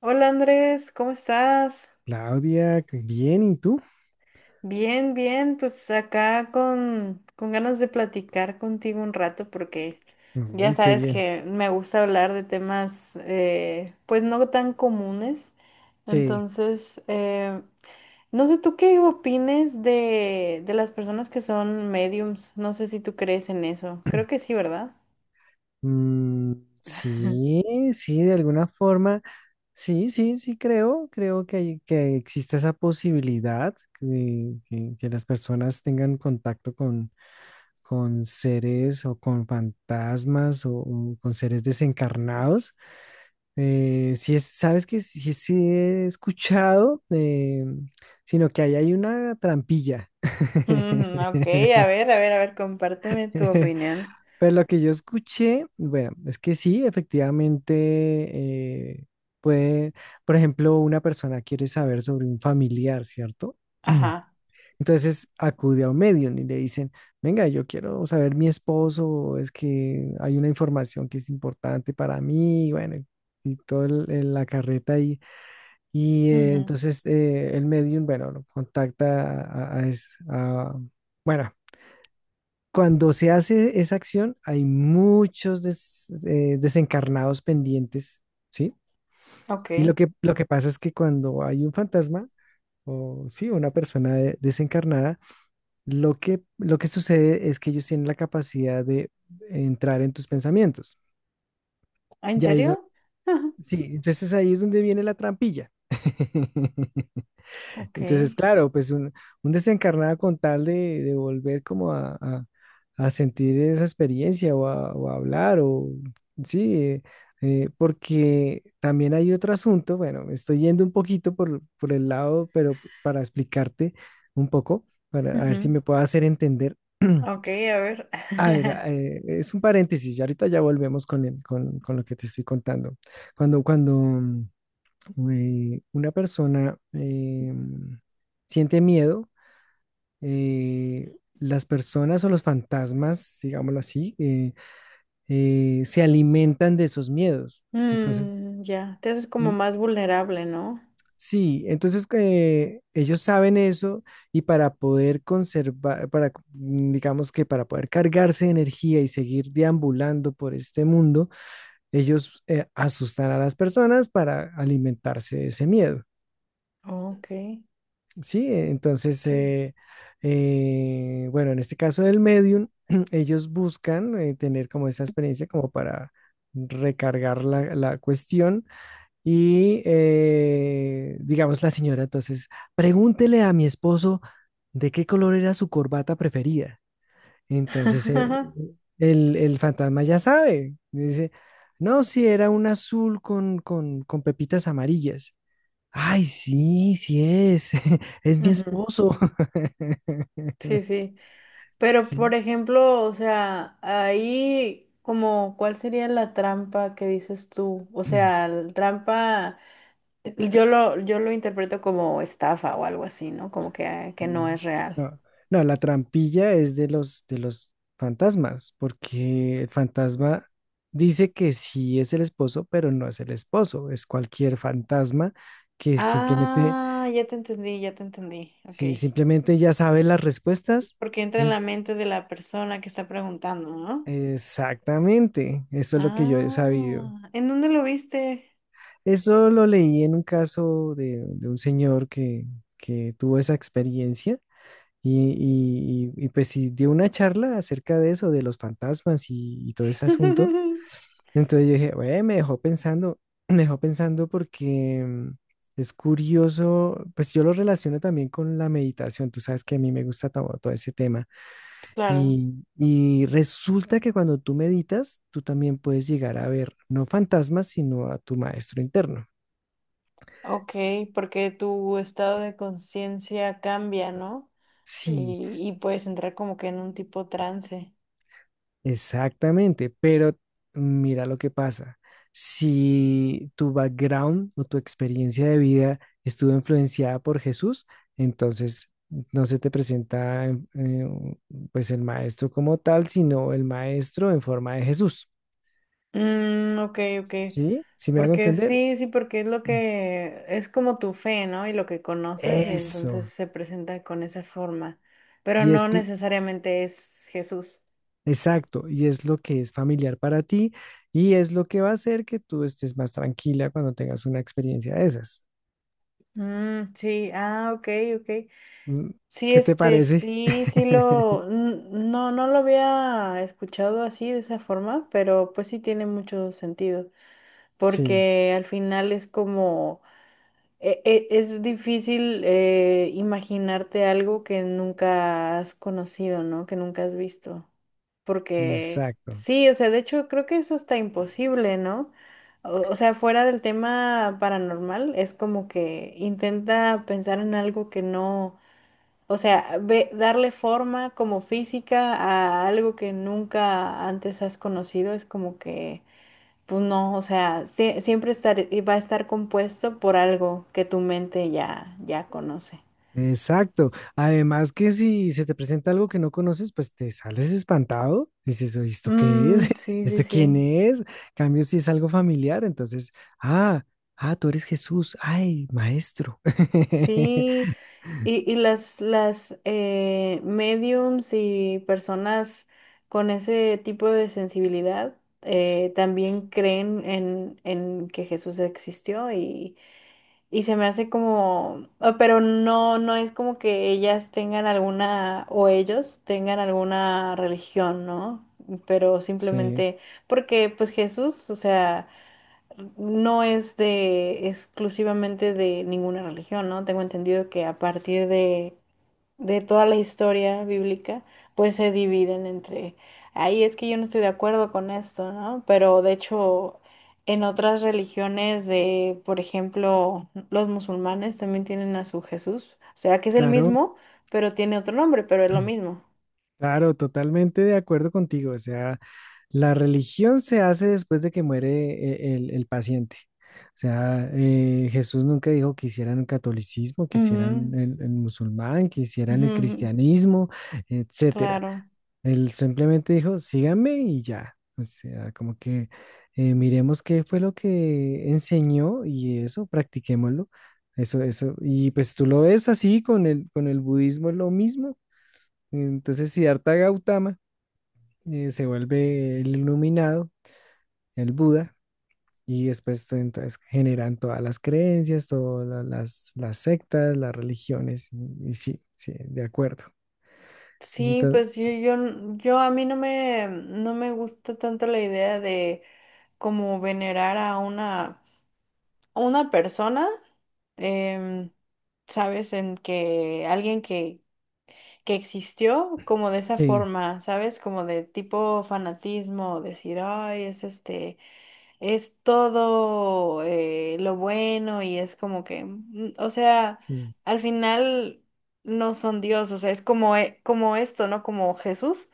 Hola Andrés, ¿cómo estás? Claudia, qué bien, ¿y tú? Bien, bien, pues acá con ganas de platicar contigo un rato porque ya Uy, qué sabes bien. que me gusta hablar de temas pues no tan comunes. Sí. Entonces, eh, no sé tú qué opines de las personas que son mediums. No sé si tú crees en eso. Creo que sí, ¿verdad? Mm, sí, sí, de alguna forma, sí, sí, sí, creo, que existe esa posibilidad que las personas tengan contacto con seres o con fantasmas o con seres desencarnados. Sí, sabes que sí, sí he escuchado, sino que ahí hay una trampilla. Ujú. Ok, a ver, a ver, a ver, compárteme tu opinión. Pero lo que yo escuché, bueno, es que sí, efectivamente, eh, puede, por ejemplo, una persona quiere saber sobre un familiar, ¿cierto? Ajá. Entonces acude a un medium y le dicen, venga, yo quiero saber mi esposo, es que hay una información que es importante para mí, y bueno, y toda la carreta ahí. Y eh, Ujú. entonces eh, el medium, bueno, lo contacta bueno, cuando se hace esa acción, hay muchos desencarnados pendientes, ¿sí? Ok. Y lo que pasa es que cuando hay un fantasma, o sí, una persona desencarnada, lo que sucede es que ellos tienen la capacidad de entrar en tus pensamientos. Ah, ¿en Y ahí es do- serio? sí, entonces ahí es donde viene la trampilla. Ok. Entonces, claro, un desencarnado con tal de volver como a sentir esa experiencia o a hablar o sí, porque también hay otro asunto, bueno, me estoy yendo un poquito por el lado, pero para explicarte un poco, para a ver si Ujú. me puedo hacer entender. Ok, a ver. A ver, es un paréntesis, y ahorita ya volvemos con lo que te estoy contando. Cuando una persona siente miedo, las personas o los fantasmas, digámoslo así, se alimentan de esos miedos. Entonces, Mm, ya, te haces como mm, más vulnerable, ¿no? sí, entonces ellos saben eso y para poder conservar, para, digamos que para poder cargarse de energía y seguir deambulando por este mundo, ellos asustan a las personas para alimentarse de ese miedo. Ok, Sí, entonces, sí. eh, eh, bueno, en este caso del medium, ellos buscan tener como esa experiencia como para recargar la cuestión y, digamos, la señora, entonces, pregúntele a mi esposo de qué color era su corbata preferida. Entonces, el fantasma ya sabe, dice, no, si era un azul con pepitas amarillas. Ay, sí, sí es. Es mi Ujú. esposo. Sí, sí. Pero, por Sí. ejemplo, o sea, ahí como, ¿cuál sería la trampa que dices tú? O sea, la trampa, yo lo interpreto como estafa o algo así, ¿no? Como que no Mm, es real. no, no, la trampilla es de los fantasmas, porque el fantasma dice que sí es el esposo, pero no es el esposo, es cualquier fantasma que simplemente, Ah, ya te entendí, ya te entendí. Ok. sí simplemente ya sabe las respuestas. Porque entra en la En- mente de la persona que está preguntando, ¿no? Exactamente, eso es lo que yo he sabido. Ah, ¿en dónde lo viste? Eso lo leí en un caso de un señor que tuvo esa experiencia y, y pues sí dio una charla acerca de eso, de los fantasmas y todo ese asunto. Entonces yo dije, "Güey, me dejó pensando, me dejó pensando porque es curioso, pues yo lo relaciono también con la meditación, tú sabes que a mí me gusta todo, todo ese tema Claro, y resulta que cuando tú meditas, tú también puedes llegar a ver no fantasmas, sino a tu maestro interno. ok, porque tu estado de conciencia cambia, ¿no? Sí. Y puedes entrar como que en un tipo trance. Exactamente, pero mira lo que pasa. Si tu background o tu experiencia de vida estuvo influenciada por Jesús, entonces no se te presenta pues el maestro como tal, sino el maestro en forma de Jesús. Mm, ok, ok. ¿Sí? ¿Sí me hago Porque entender? sí, sí, porque es lo que es como tu fe, ¿no? Y lo que conoces, y entonces Eso. se presenta con esa forma. Pero Y es no l- necesariamente es Jesús. exacto, y es lo que es familiar para ti y es lo que va a hacer que tú estés más tranquila cuando tengas una experiencia de esas. Mm, sí, ah, ok, ok. Mm, Sí, ¿qué te este, parece? sí, sí lo, n- no, no lo había escuchado así de esa forma, pero pues sí tiene mucho sentido, Sí, porque al final es como, es difícil imaginarte algo que nunca has conocido, ¿no? Que nunca has visto, porque exacto, sí, o sea, de hecho creo que es hasta imposible, ¿no? O sea, fuera del tema paranormal, es como que intenta pensar en algo que no, o sea, darle forma como física a algo que nunca antes has conocido es como que, pues no, o sea, siempre estar, y va a estar compuesto por algo que tu mente ya conoce. exacto. Además que si se te presenta algo que no conoces, pues te sales espantado. Dices, "Oye, ¿esto qué es? Mm, sí, sí, ¿Esto quién sí. es?" En cambio si es algo familiar, entonces, ah, ah, tú eres Jesús, ay, maestro. Sí, y las mediums y personas con ese tipo de sensibilidad también creen en que Jesús existió. Y se me hace como, ah, pero no, no es como que ellas tengan alguna, o ellos tengan alguna religión, ¿no? Pero Sí, simplemente, porque pues Jesús, o sea, no es de exclusivamente de ninguna religión, ¿no? Tengo entendido que a partir de toda la historia bíblica, pues se dividen entre, ahí es que yo no estoy de acuerdo con esto, ¿no? Pero de hecho, en otras religiones de, por ejemplo, los musulmanes también tienen a su Jesús, o sea, que es el claro, mismo, pero tiene otro nombre, pero es lo mismo. claro, totalmente de acuerdo contigo. O sea, la religión se hace después de que muere el paciente. O sea, Jesús nunca dijo que hicieran el catolicismo, que hicieran Ujú, el musulmán, que hicieran ujú, el ujú. cristianismo, etcétera. Claro. Él simplemente dijo, síganme y ya. O sea, como que miremos qué fue lo que enseñó y eso, practiquémoslo. Eso, eso. Y pues tú lo ves así con el budismo, es lo mismo. Entonces, si Siddhartha Gautama se vuelve el iluminado, el Buda, y entonces generan todas las creencias, todas las sectas, las religiones, y sí, sí, de acuerdo. Sí, Entonces, pues yo a mí no me, no me gusta tanto la idea de como venerar a una persona, em, ¿sabes? En que alguien que existió como de esa sí, forma, ¿sabes? Como de tipo fanatismo, decir, ay, es este, es todo lo bueno y es como que, mm, o sea, sí, al final no son Dios, o sea, es como, como esto, ¿no? Como Jesús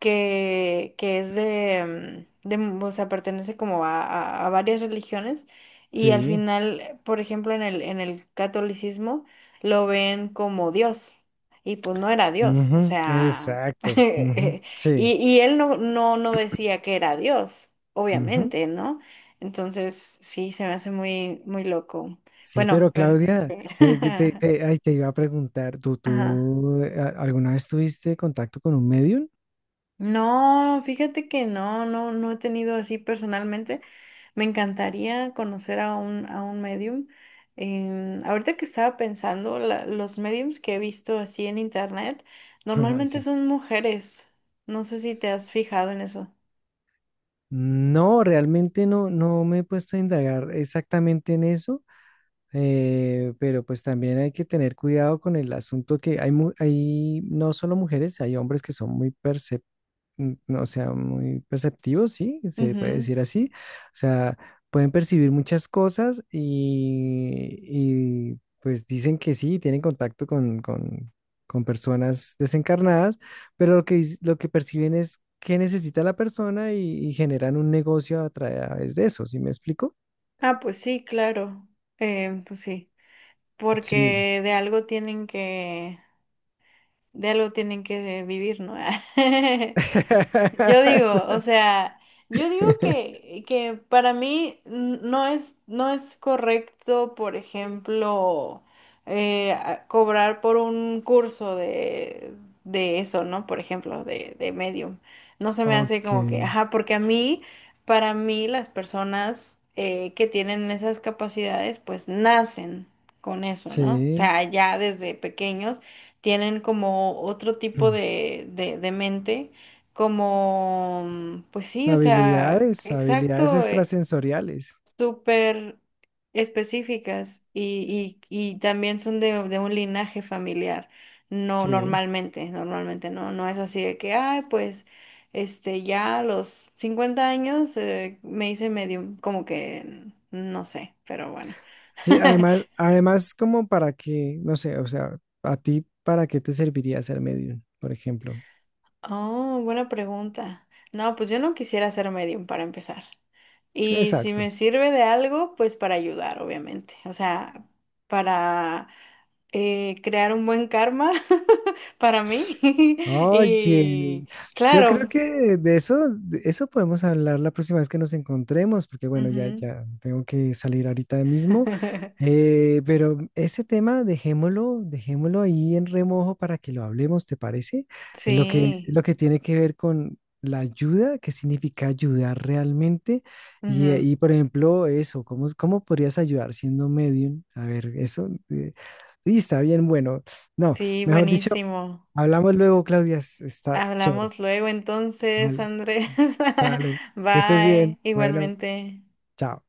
que es de, mm, o sea, pertenece como a, a varias religiones y al sí, final, por ejemplo, en el catolicismo lo ven como Dios y pues no era Dios, o ujú, sea, exacto, y, y él no, no, no decía que era Dios, ujú. obviamente, ¿no? Entonces, sí, se me hace muy, muy loco. Sí, Bueno, pero pero... Claudia, sí. Que te, ay, te iba a preguntar, ¿tú, Ajá. tú alguna vez tuviste contacto con un medium? No, fíjate que no, no, no he tenido así personalmente. Me encantaría conocer a un medium. Em, ahorita que estaba pensando, los mediums que he visto así en internet normalmente Sí. son mujeres. No sé si te has fijado en eso. No, realmente no, no me he puesto a indagar exactamente en eso. Pero pues también hay que tener cuidado con el asunto que hay, hay no solo mujeres, hay hombres que son muy no, o sea, muy perceptivos, sí, se puede Ujú. decir así. O sea, pueden percibir muchas cosas y, pues dicen que sí, tienen contacto con personas desencarnadas, pero lo que perciben es qué necesita la persona y generan un negocio a través de eso, ¿sí me explico? Ah, pues sí, claro. Em, pues sí, Sí. porque de algo tienen que vivir, ¿no? Yo digo, o sea, yo digo que para mí no es, no es correcto, por ejemplo, cobrar por un curso de eso, ¿no? Por ejemplo, de Medium. No se me hace Ok, como que, ajá, porque a mí, para mí, las personas que tienen esas capacidades, pues nacen con eso, ¿no? O sí. sea, ya desde pequeños tienen como otro tipo Mm. De mente como, mm, pues sí, o sea, Habilidades, habilidades exacto, extrasensoriales. súper específicas y también son de un linaje familiar. No, Sí. normalmente, normalmente no, no es así de que, ay, pues, este, ya a los 50 años me hice medio, como que, mm, no sé, pero bueno. Sí, además, además como para que, no sé, o sea, a ti, ¿para qué te serviría ser medium, por ejemplo? Oh, buena pregunta. No, pues yo no quisiera ser medium para empezar. Y si Exacto. me sirve de algo, pues para ayudar, obviamente. O sea, para crear un buen karma para mí. Oye, Y yo creo claro. que de eso podemos hablar la próxima vez que nos encontremos, porque bueno, ya, Ujú. ya tengo que salir ahorita mismo. Pero ese tema dejémoslo, dejémoslo ahí en remojo para que lo hablemos, ¿te parece? Sí. Lo que tiene que ver con la ayuda, qué significa ayudar realmente. Ujú. Y, por ejemplo, eso, ¿cómo, cómo podrías ayudar siendo medium? A ver, eso. Y está bien, bueno. No, Sí, mejor dicho. buenísimo. Hablamos luego, Claudia. Está chévere. Hablamos luego entonces, Vale. Andrés. Vale. Estés bien. Bye. Bueno, Igualmente. chao.